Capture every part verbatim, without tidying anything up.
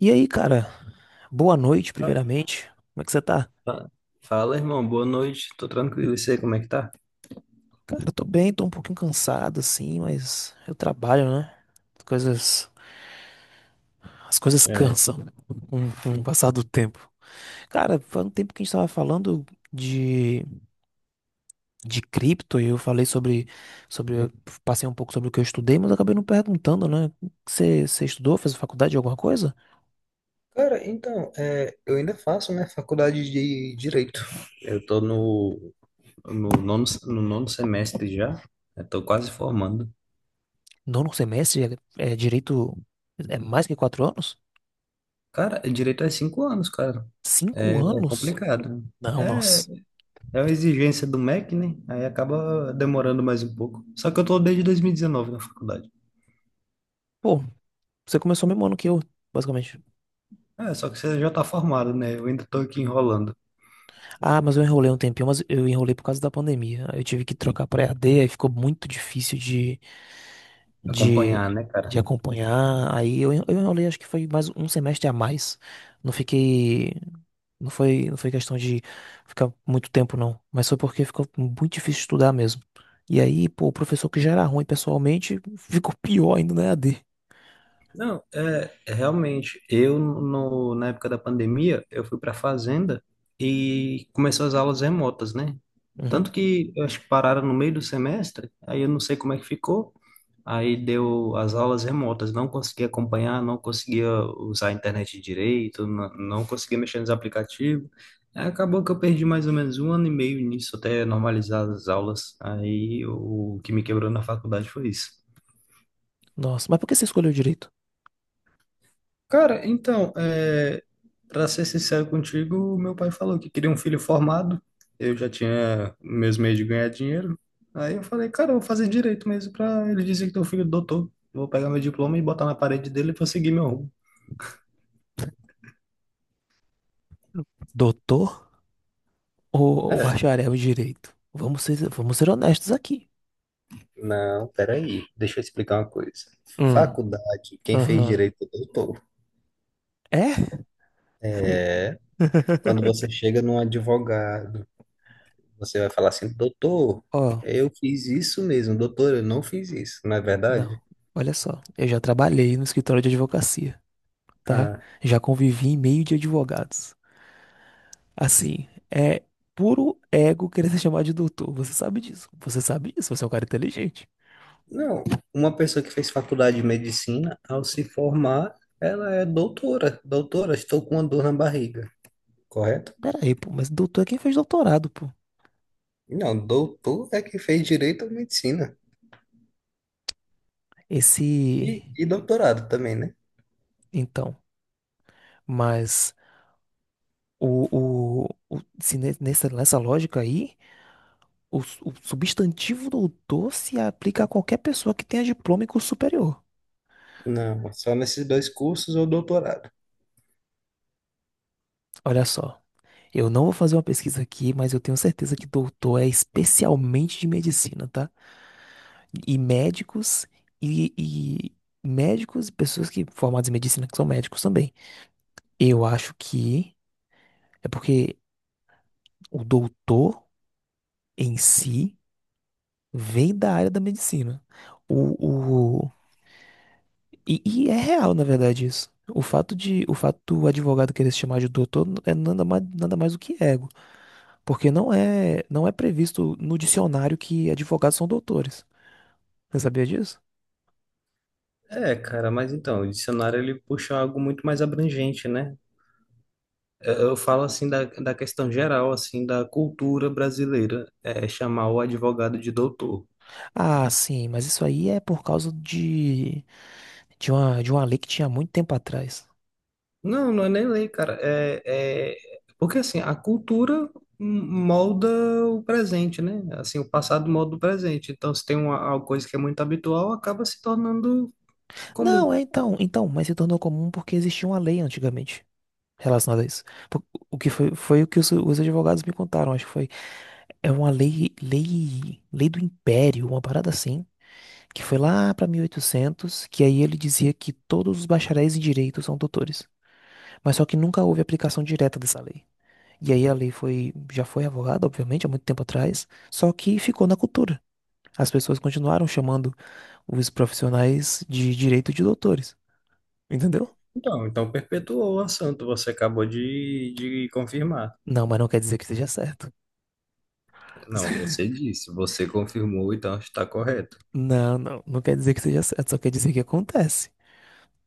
E aí, cara, boa noite, Ah, primeiramente. Como é que você tá? fa- Fala, irmão. Boa noite. Tô tranquilo. E você, como é que tá? Cara, eu tô bem, tô um pouquinho cansado, assim, mas eu trabalho, né? As coisas, as coisas É. cansam com, com o passar do tempo. Cara, faz um tempo que a gente tava falando de, de cripto e eu falei sobre, sobre, eu passei um pouco sobre o que eu estudei, mas eu acabei não perguntando, né? Você, você estudou, fez faculdade de alguma coisa? Cara, então, é, eu ainda faço, né, faculdade de Direito. Eu tô no, no nono, no nono semestre já. Eu tô quase formando. Nono semestre é, é direito, é mais que quatro anos? Cara, direito é cinco anos, cara. Cinco É, é anos? complicado. Não, É, nossa. é uma exigência do M E C, né? Aí acaba demorando mais um pouco. Só que eu tô desde dois mil e dezenove na faculdade. Pô, você começou o mesmo ano que eu, basicamente. É, só que você já tá formado, né? Eu ainda tô aqui enrolando. Ah, mas eu enrolei um tempinho, mas eu enrolei por causa da pandemia. Aí eu tive que trocar pra E A D, aí ficou muito difícil de, de, Acompanhar, né, de cara? acompanhar. Aí eu, en- eu enrolei, acho que foi mais um semestre a mais. Não fiquei. Não foi, não foi questão de ficar muito tempo, não. Mas foi porque ficou muito difícil estudar mesmo. E aí, pô, o professor que já era ruim pessoalmente ficou pior ainda na E A D. Não, é, é realmente. Eu, no, na época da pandemia, eu fui para fazenda e começou as aulas remotas, né? Uhum. Tanto que eu acho que pararam no meio do semestre, aí eu não sei como é que ficou. Aí deu as aulas remotas, não conseguia acompanhar, não conseguia usar a internet direito, não, não conseguia mexer nos aplicativos. Aí acabou que eu perdi mais ou menos um ano e meio nisso até normalizar as aulas. Aí o que me quebrou na faculdade foi isso. Nossa, mas por que você escolheu direito? Cara, então, é, para ser sincero contigo, meu pai falou que queria um filho formado. Eu já tinha meus meios de ganhar dinheiro. Aí eu falei, cara, eu vou fazer direito mesmo para ele dizer que teu filho é doutor. Vou pegar meu diploma e botar na parede dele e vou seguir meu rumo. Doutor ou, ou É, bacharel em direito? Vamos ser, vamos ser honestos aqui. não, peraí, deixa eu explicar uma coisa. Hum. Faculdade, quem fez Aham. direito é doutor. É? É, quando você chega num advogado, você vai falar assim, doutor, Ó, eu fiz isso mesmo, doutor, eu não fiz isso, não é não. verdade? Olha só, eu já trabalhei no escritório de advocacia, tá? ah Já convivi em meio de advogados. Assim, é puro ego querer se chamar de doutor. Você sabe disso. Você sabe disso. Você é um cara inteligente. Não, uma pessoa que fez faculdade de medicina, ao se formar, ela é doutora. Doutora, estou com uma dor na barriga, correto? Pera aí, pô, mas doutor é quem fez doutorado, pô. Não, doutor é que fez direito à medicina. Esse. E, e doutorado também, né? Então, mas o, o, o- se ne- nessa, nessa lógica aí, o, su- o substantivo doutor se aplica a qualquer pessoa que tenha diploma em curso superior. Não, só nesses dois cursos ou doutorado. Olha só, eu não vou fazer uma pesquisa aqui, mas eu tenho certeza que doutor é especialmente de medicina, tá? E médicos e, e médicos e pessoas que formadas em medicina que são médicos também. Eu acho que é porque o doutor em si vem da área da medicina. O, o, e, e é real, na verdade, isso. O fato de, o fato do advogado querer se chamar de doutor é nada mais, nada mais do que ego, porque não é, não é previsto no dicionário que advogados são doutores. Você sabia disso? É, cara, mas então, o dicionário ele puxa algo muito mais abrangente, né? Eu, eu falo assim da, da questão geral, assim, da cultura brasileira, é chamar o advogado de doutor. Ah, sim, mas isso aí é por causa de De uma, de uma lei que tinha muito tempo atrás. Não, não é nem lei, cara. É, é... Porque assim, a cultura molda o presente, né? Assim, o passado molda o presente. Então, se tem uma, uma coisa que é muito habitual, acaba se tornando Não, comum. é então, então, mas se tornou comum porque existia uma lei antigamente relacionada a isso. Por- o que foi, foi o que os, os advogados me contaram, acho que foi. É uma lei, lei, lei do Império, uma parada assim, que foi lá pra mil e oitocentos, que aí ele dizia que todos os bacharéis em direito são doutores. Mas só que nunca houve aplicação direta dessa lei. E aí a lei foi, já foi revogada, obviamente, há muito tempo atrás, só que ficou na cultura. As pessoas continuaram chamando os profissionais de direito de doutores, entendeu? Então, então perpetuou o assunto, você acabou de, de confirmar. Não, mas não quer dizer que seja certo. Não, você disse, você confirmou, então está correto. Não, não, não quer dizer que seja certo, só quer dizer que acontece,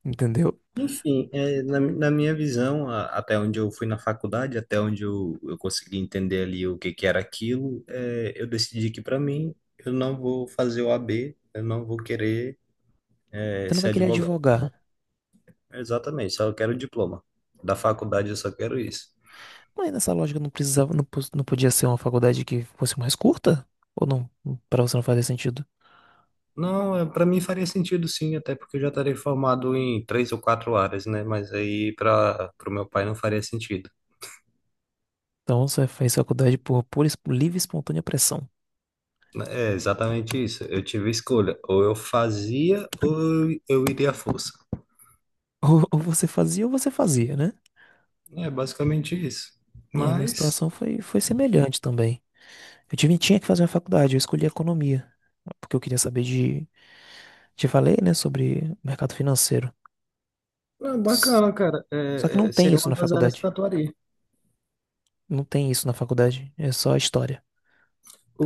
entendeu? Enfim, é, na, na minha visão, a- até onde eu fui na faculdade, até onde eu, eu consegui entender ali o que, que era aquilo, é, eu decidi que para mim eu não vou fazer o A B, eu não vou querer é, Você não ser vai querer advogado. advogar. Exatamente, só eu quero o diploma. Da faculdade eu só quero isso. Mas nessa lógica não precisava, não, pos- não podia ser uma faculdade que fosse mais curta? Ou não? Pra você não fazer sentido. Não, para mim faria sentido sim, até porque eu já estarei formado em três ou quatro áreas, né? Mas aí para o meu pai não faria sentido. Então você fez faculdade por pura, e espo- livre e espontânea pressão. É exatamente isso. Eu tive escolha, ou eu fazia ou eu eu iria à força. Ou, ou você fazia ou você fazia, né? É basicamente isso. E a minha Mas, situação foi, foi semelhante também. Eu tive, tinha que fazer uma faculdade, eu escolhi economia, porque eu queria saber de, te falei, né, sobre mercado financeiro. é S- bacana, cara. só que É, não é, tem seria isso uma na das áreas que faculdade. eu atuaria. Não tem isso na faculdade, é só história.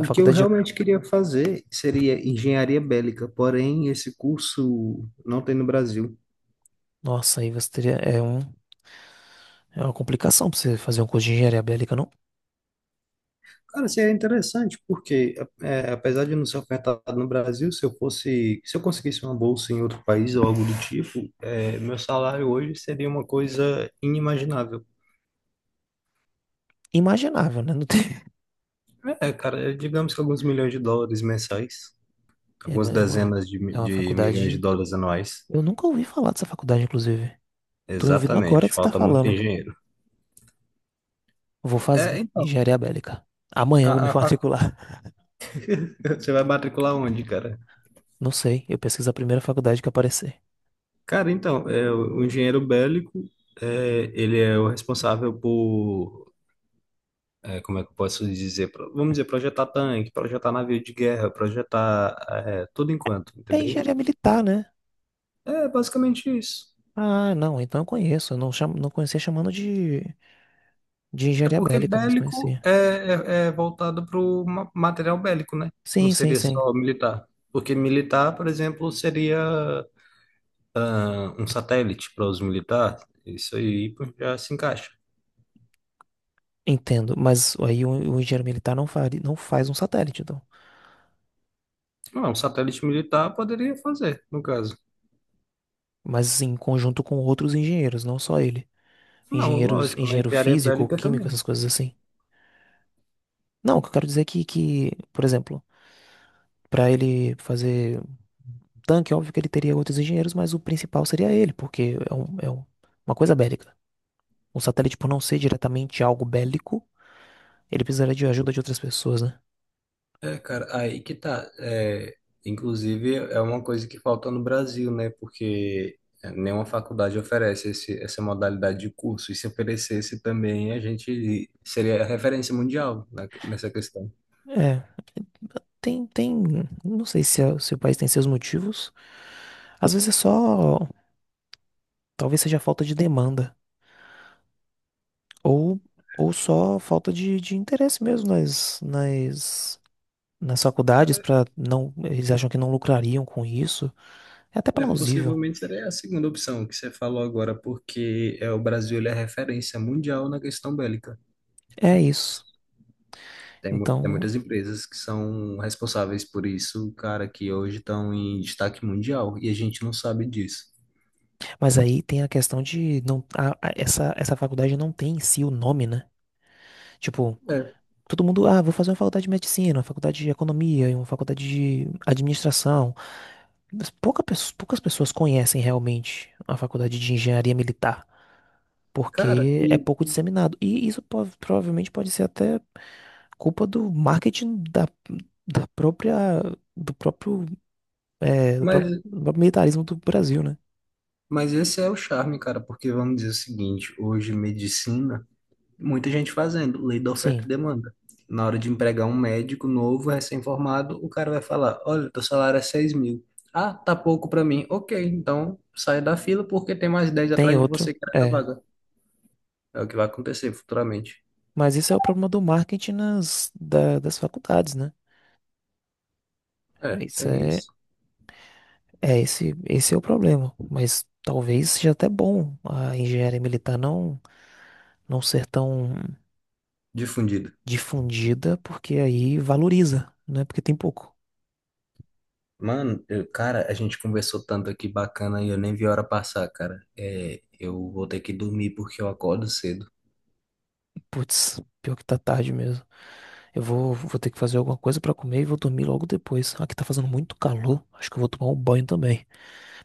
A que eu faculdade, é- realmente queria fazer seria engenharia bélica, porém esse curso não tem no Brasil. nossa, aí você teria, é um, é uma complicação pra você fazer um curso de engenharia bélica, não Cara, seria interessante, porque é, apesar de não ser ofertado no Brasil, se eu fosse, se eu conseguisse uma bolsa em outro país ou algo do tipo, é, meu salário hoje seria uma coisa inimaginável. imaginável, né? Não tem, É, cara, é, digamos que alguns milhões de dólares mensais, é algumas uma, é uma, dezenas de, mi- é uma de milhões de faculdade, dólares anuais. eu nunca ouvi falar dessa faculdade, inclusive. Tô ouvindo agora Exatamente, que você tá falta muito falando. engenheiro. Vou É, fazer então, engenharia bélica. Amanhã a, eu vou me a fac- matricular. você vai matricular onde, cara? Não sei, eu pesquiso a primeira faculdade que aparecer. Cara, então, é, o o engenheiro bélico, é, ele é o responsável por, é, como é que eu posso dizer, Pro- vamos dizer, projetar tanque, projetar navio de guerra, projetar, é, tudo enquanto, É engenharia entendeu? militar, né? É basicamente isso. Ah, não, então eu conheço. Eu não, chamo, não conhecia chamando de, de É engenharia porque bélica, mas bélico conhecia. é, é, é voltado para o material bélico, né? Não Sim, sim, seria sim. só militar. Porque militar, por exemplo, seria um satélite para os militares, isso aí pô, já se encaixa. Entendo. Mas aí o, o engenheiro militar não faria, não faz um satélite, então. Não, um satélite militar poderia fazer, no caso. Mas em conjunto com outros engenheiros, não só ele. Não, Engenheiros, lógico, na engenheiro enviaria físico, bélica químico, também. essas coisas assim. Não, o que eu quero dizer é que, que, por exemplo, para ele fazer um tanque, óbvio que ele teria outros engenheiros, mas o principal seria ele, porque é, um- é um- uma coisa bélica. O satélite, por não ser diretamente algo bélico, ele precisaria de ajuda de outras pessoas, né? É, cara, aí que tá. É, inclusive, é uma coisa que falta no Brasil, né? Porque nenhuma faculdade oferece esse, essa modalidade de curso. E se oferecesse também, a gente seria a referência mundial na- nessa questão. É, tem, tem, não sei se, é- se o país tem seus motivos. Às vezes é só, talvez seja falta de demanda ou, ou só falta de, de interesse mesmo nas, nas, nas faculdades para não, eles acham que não lucrariam com isso. É até É, plausível. possivelmente seria a segunda opção que você falou agora, porque é, o Brasil ele é referência mundial na questão bélica. É isso. Tem, mu- tem Então, muitas empresas que são responsáveis por isso, cara, que hoje estão em destaque mundial, e a gente não sabe disso. mas aí tem a questão de não, a- a- essa, essa faculdade não tem em si o nome, né? Tipo, É, todo mundo, ah, vou fazer uma faculdade de medicina, uma faculdade de economia, uma faculdade de administração. Mas pouca, pes- poucas pessoas conhecem realmente a faculdade de engenharia militar, cara, porque é e pouco disseminado. E isso po- provavelmente pode ser até culpa do marketing da, da própria, do próprio, é, do Mas, próprio, do próprio militarismo do Brasil, né? mas esse é o charme, cara, porque vamos dizer o seguinte, hoje medicina, muita gente fazendo, lei da oferta e Sim, demanda. Na hora de empregar um médico novo, recém-formado, o cara vai falar, olha, teu salário é seis mil. Ah, tá pouco pra mim. Ok, então sai da fila porque tem mais dez tem atrás de outro. você querendo a É, vaga. É o que vai acontecer futuramente. mas isso é o problema do marketing nas, da- das faculdades, né? É, Isso tem é, isso. é esse, esse é o problema. Mas talvez seja até bom a engenharia militar não, não ser tão Difundido. difundida, porque aí valoriza, né? Porque tem pouco. Mano, eu- cara, a gente conversou tanto aqui bacana e eu nem vi a hora passar, cara. É, eu vou ter que dormir porque eu acordo cedo. Putz, pior que tá tarde mesmo. Eu vou, vou ter que fazer alguma coisa pra comer e vou dormir logo depois. Aqui tá fazendo muito calor. Acho que eu vou tomar um banho também.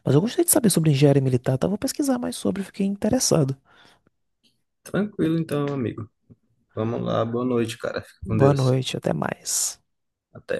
Mas eu gostaria de saber sobre engenharia militar, tá? Vou pesquisar mais sobre, fiquei interessado. Tranquilo então, amigo. Vamos lá, boa noite, cara. Fica com Boa Deus. noite, até mais. Até.